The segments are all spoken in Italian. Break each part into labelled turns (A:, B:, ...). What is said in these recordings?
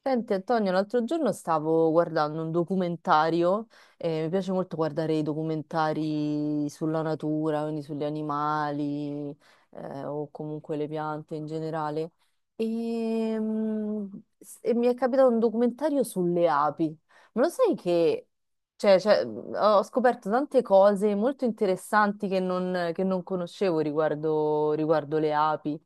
A: Senti Antonio, l'altro giorno stavo guardando un documentario, mi piace molto guardare i documentari sulla natura, quindi sugli animali, o comunque le piante in generale, e, mm, e mi è capitato un documentario sulle api. Ma lo sai che ho scoperto tante cose molto interessanti che non conoscevo riguardo le api.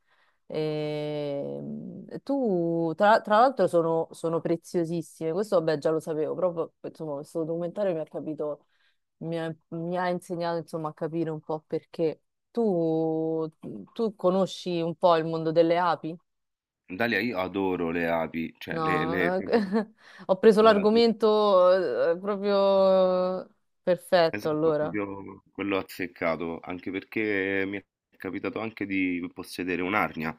A: Tra l'altro, sono preziosissime. Questo, vabbè, già lo sapevo, proprio, insomma, questo documentario mi ha capito, mi ha insegnato, insomma, a capire un po' perché. Tu, Tu conosci un po' il mondo delle api?
B: Dalia, io adoro le api, cioè
A: No, ho preso
B: le adoro.
A: l'argomento proprio perfetto,
B: Esatto,
A: allora.
B: proprio quello azzeccato, anche perché mi è capitato anche di possedere un'arnia.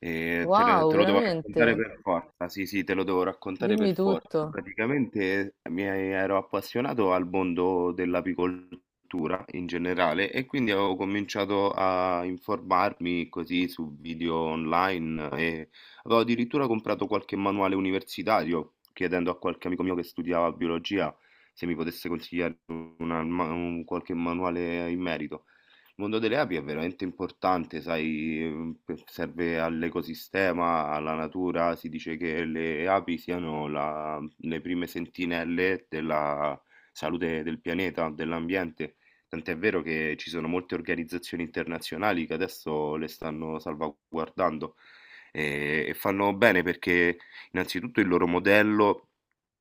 B: E te,
A: Wow,
B: te lo devo raccontare
A: veramente?
B: per forza, sì, sì, te lo devo raccontare per
A: Dimmi
B: forza.
A: tutto.
B: Praticamente mi ero appassionato al mondo dell'apicoltura in generale e quindi ho cominciato a informarmi così su video online e avevo addirittura comprato qualche manuale universitario chiedendo a qualche amico mio che studiava biologia se mi potesse consigliare un qualche manuale in merito. Il mondo delle api è veramente importante, sai, serve all'ecosistema, alla natura. Si dice che le api siano le prime sentinelle della salute del pianeta, dell'ambiente. Tant'è vero che ci sono molte organizzazioni internazionali che adesso le stanno salvaguardando e fanno bene perché innanzitutto il loro modello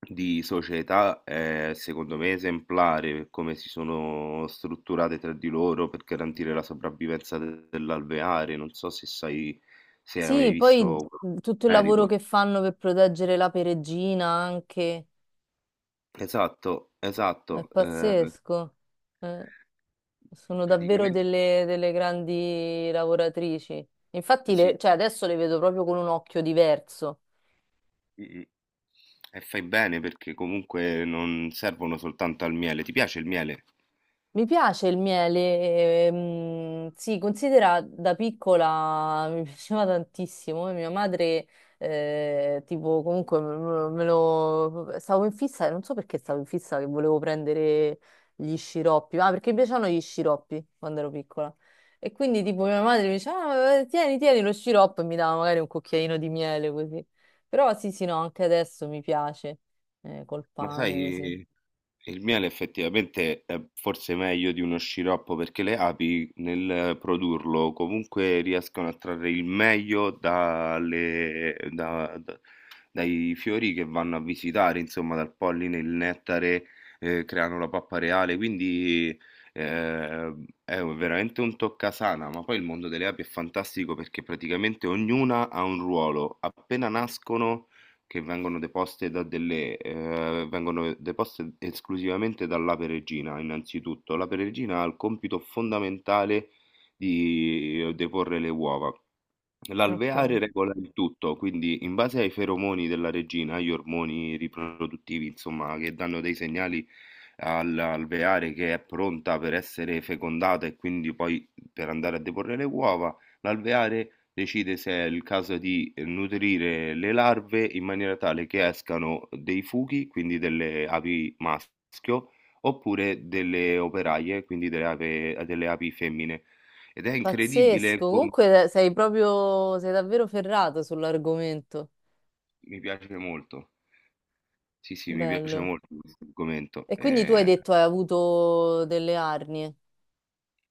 B: di società è secondo me esemplare per come si sono strutturate tra di loro per garantire la sopravvivenza dell'alveare. Non so se sai, se hai mai
A: Sì, poi
B: visto questo
A: tutto il lavoro
B: merito.
A: che fanno per proteggere la peregina anche
B: Esatto,
A: è
B: esatto.
A: pazzesco. Eh, Sono davvero
B: Praticamente
A: delle, delle grandi lavoratrici. Infatti,
B: sì.
A: adesso le vedo proprio con un occhio diverso.
B: Mm, mm. E fai bene perché comunque non servono soltanto al miele. Ti piace il miele?
A: Mi piace il miele, sì, considera da piccola mi piaceva tantissimo. E mia madre, tipo, comunque stavo in fissa, non so perché stavo in fissa che volevo prendere gli sciroppi, ma perché mi piacevano gli sciroppi quando ero piccola. E quindi, tipo, mia madre mi diceva, "Ah, tieni, tieni lo sciroppo e mi dava magari un cucchiaino di miele così." Però sì, sì, no, anche adesso mi piace, col
B: Ma
A: pane così.
B: sai. Il miele effettivamente è forse meglio di uno sciroppo perché le api nel produrlo comunque riescono a trarre il meglio dai fiori che vanno a visitare, insomma dal polline, il nettare, creano la pappa reale, quindi eh, è veramente un toccasana, ma poi il mondo delle api è fantastico perché praticamente ognuna ha un ruolo, appena nascono che vengono deposte da vengono deposte esclusivamente dall'ape regina, innanzitutto. L'ape regina ha il compito fondamentale di deporre le uova.
A: Ok.
B: L'alveare regola il tutto, quindi in base ai feromoni della regina, agli ormoni riproduttivi, insomma, che danno dei segnali all'alveare che è pronta per essere fecondata e quindi poi per andare a deporre le uova, l'alveare decide se è il caso di nutrire le larve in maniera tale che escano dei fughi, quindi delle api maschio, oppure delle operaie, quindi delle api femmine. Ed è incredibile
A: Pazzesco,
B: come...
A: comunque sei proprio, sei davvero ferrato sull'argomento.
B: Mi piace molto. Sì, sì, mi piace
A: Bello.
B: molto questo argomento.
A: E quindi tu hai
B: Eh,
A: detto hai avuto delle arnie.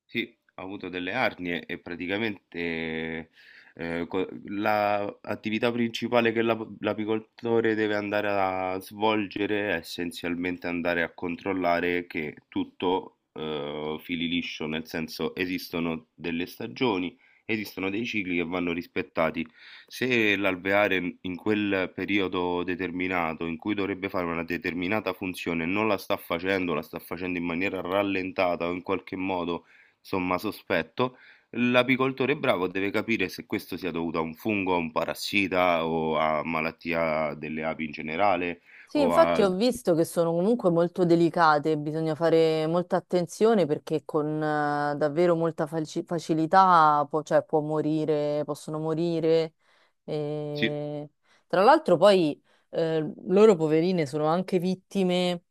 B: sì, ho avuto delle arnie e praticamente la attività principale che l'apicoltore deve andare a svolgere è essenzialmente andare a controllare che tutto fili liscio, nel senso esistono delle stagioni, esistono dei cicli che vanno rispettati. Se l'alveare in quel periodo determinato in cui dovrebbe fare una determinata funzione non la sta facendo, la sta facendo in maniera rallentata o in qualche modo somma sospetto, l'apicoltore bravo deve capire se questo sia dovuto a un fungo, a un parassita o a malattia delle api in generale
A: Sì,
B: o
A: infatti
B: a...
A: ho visto che sono comunque molto delicate, bisogna fare molta attenzione perché con davvero molta facilità può morire, possono morire.
B: Sì,
A: E... Tra l'altro poi loro poverine sono anche vittime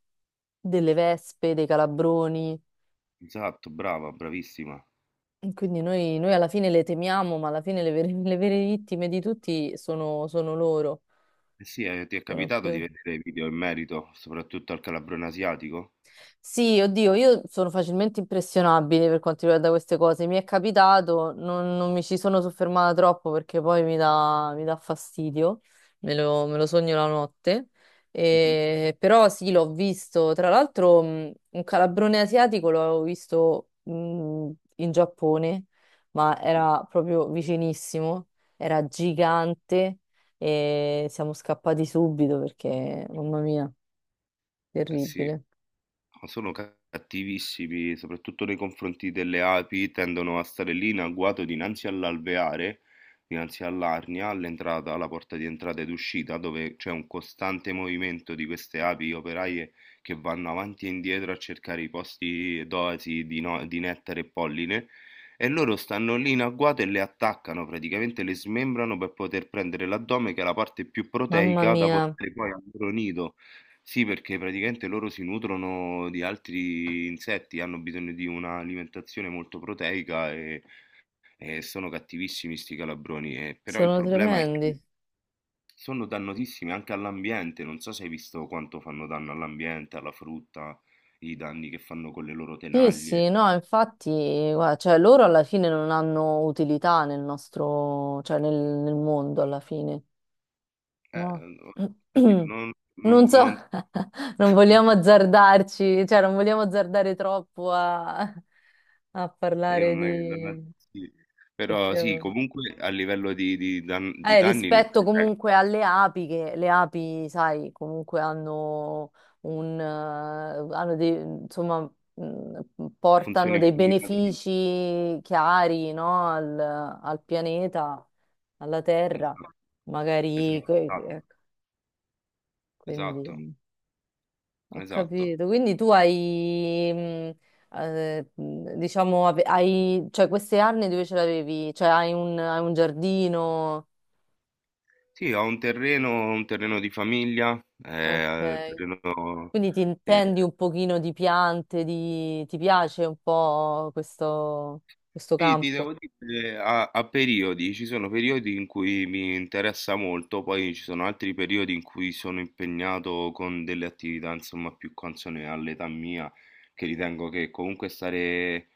A: delle vespe, dei calabroni.
B: esatto, brava, bravissima.
A: Quindi noi alla fine le temiamo, ma alla fine le vere, le vere vittime di tutti sono loro.
B: Eh sì, ti è
A: Sono
B: capitato di
A: più...
B: vedere video in merito, soprattutto al calabrone asiatico?
A: Sì, oddio, io sono facilmente impressionabile per quanto riguarda queste cose. Mi è capitato, non mi ci sono soffermata troppo perché poi mi dà fastidio, me lo sogno la notte.
B: Mhm,
A: Però sì, l'ho visto. Tra l'altro, un calabrone asiatico l'avevo visto in Giappone, ma
B: mhm.
A: era proprio vicinissimo, era gigante e siamo scappati subito perché, mamma mia,
B: Eh sì.
A: terribile.
B: No, sono cattivissimi, soprattutto nei confronti delle api, tendono a stare lì in agguato dinanzi all'alveare, dinanzi all'arnia, all'entrata, alla porta di entrata ed uscita, dove c'è un costante movimento di queste api operaie che vanno avanti e indietro a cercare i posti dosi di, di nettare e polline. E loro stanno lì in agguato e le attaccano, praticamente le smembrano per poter prendere l'addome, che è la parte più
A: Mamma
B: proteica da
A: mia.
B: portare poi al loro nido. Sì, perché praticamente loro si nutrono di altri insetti, hanno bisogno di un'alimentazione molto proteica e sono cattivissimi sti calabroni. Però il
A: Sono
B: problema è che
A: tremendi.
B: sono dannosissimi anche all'ambiente. Non so se hai visto quanto fanno danno all'ambiente, alla frutta, i danni che fanno con le loro
A: Sì, sì,
B: tenaglie.
A: no, infatti, guarda, cioè, loro alla fine non hanno utilità nel nostro, nel mondo alla fine,
B: Eh,
A: no?
B: oddio,
A: Non so, non vogliamo azzardarci, cioè non vogliamo azzardare troppo a, a
B: io
A: parlare
B: non è che... non è-
A: di...
B: sì. Però sì, comunque a livello di, di danni
A: Rispetto
B: eh,
A: comunque alle api, che le api, sai, comunque hanno un, hanno dei, insomma, portano
B: funziona in
A: dei
B: maniera-
A: benefici chiari, no, al pianeta, alla Terra, magari,
B: esatto,
A: ecco,
B: esatto,
A: quindi ho
B: esatto.
A: capito. Quindi tu hai, diciamo, hai, cioè queste arnie dove ce l'avevi? Cioè hai un giardino?
B: Sì, ho un terreno di famiglia,
A: Ok.
B: terreno
A: Quindi ti
B: ehm,
A: intendi un pochino di piante, di... ti piace un po' questo
B: sì, ti
A: campo?
B: devo dire a a periodi, ci sono periodi in cui mi interessa molto, poi ci sono altri periodi in cui sono impegnato con delle attività, insomma, più consone all'età mia, che ritengo che comunque stare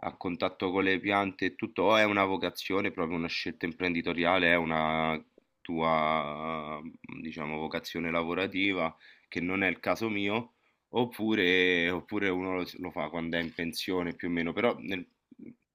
B: a contatto con le piante e tutto, o è una vocazione, proprio una scelta imprenditoriale, è una tua, diciamo, vocazione lavorativa, che non è il caso mio, oppure, oppure uno lo, lo fa quando è in pensione più o meno,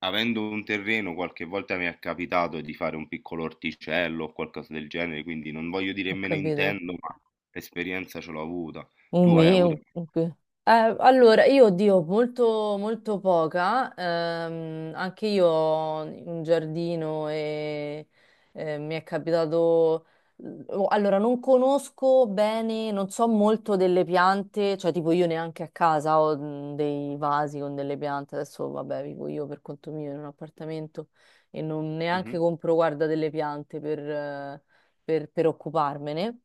B: avendo un terreno qualche volta mi è capitato di fare un piccolo orticello o qualcosa del genere, quindi non voglio dire
A: Ho
B: me ne
A: capito.
B: intendo, ma l'esperienza ce l'ho avuta.
A: Un
B: Tu hai avuto...
A: mio. Un che- allora, io oddio, molto, molto poca. Anche io ho un giardino e mi è capitato. Oh, Allora, non conosco bene, non so molto delle piante, cioè tipo io neanche a casa ho mm, dei vasi con delle piante. Adesso, vabbè, vivo io per conto mio in un appartamento e non neanche
B: Mhm,
A: compro, guarda, delle piante per occuparmene.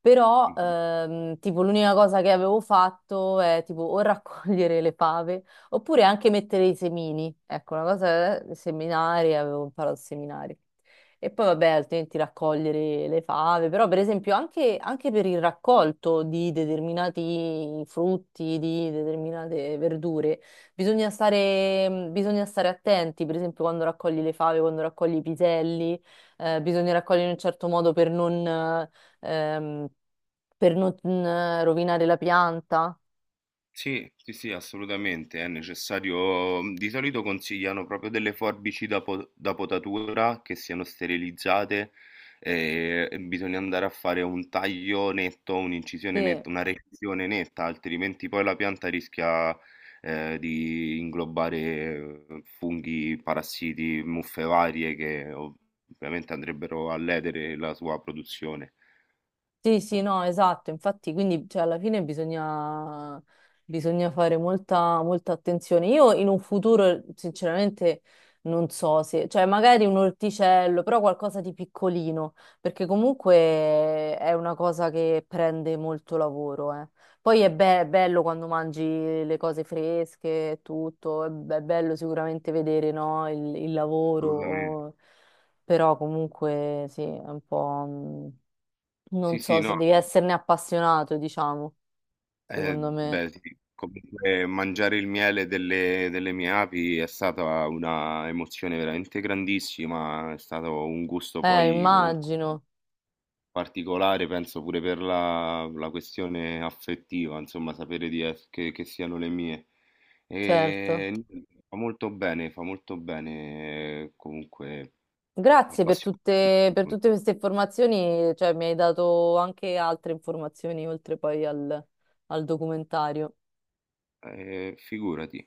A: Però,
B: mhm.
A: tipo, l'unica cosa che avevo fatto è tipo o raccogliere le fave oppure anche mettere i semini. Ecco, una cosa è seminari, avevo imparato a seminare. E poi, vabbè, altrimenti raccogliere le fave. Però, per esempio, anche, anche per il raccolto di determinati frutti, di determinate verdure, bisogna stare attenti. Per esempio, quando raccogli le fave, quando raccogli i piselli, bisogna raccogliere in un certo modo per non. Ehm, per non mm, rovinare la pianta.
B: Sì, sì, sì, assolutamente, è necessario. Mhmm, di solito consigliano proprio delle forbici da potatura che siano sterilizzate e bisogna andare a fare un taglio netto, un'incisione
A: Sì.
B: netta, una recisione netta, altrimenti poi la pianta rischia di inglobare funghi, parassiti, muffe varie che ovviamente andrebbero a ledere la sua produzione.
A: Sì, sì, no, esatto, infatti, quindi cioè, alla fine bisogna, bisogna fare molta, molta attenzione. Io in un futuro, sinceramente, non so se, cioè magari un orticello, però qualcosa di piccolino, perché comunque è una cosa che prende molto lavoro, eh. Poi bello quando mangi le cose fresche e tutto, è, è bello sicuramente vedere, no, il
B: Assolutamente.
A: lavoro, però comunque sì, è un po'... mm,
B: Sì,
A: non
B: sì,
A: so se
B: no.
A: devi esserne appassionato, diciamo, secondo me.
B: Beh, sì. Comunque mangiare il miele delle mie api è stata una emozione veramente grandissima, è stato un gusto poi comunque
A: Immagino,
B: particolare, penso pure per la, la questione affettiva, insomma, sapere di che siano le mie.
A: certo.
B: E niente, fa molto bene, fa molto bene comunque
A: Grazie
B: appassionarsi.
A: per tutte queste informazioni, cioè mi hai dato anche altre informazioni oltre poi al al documentario.
B: Figurati.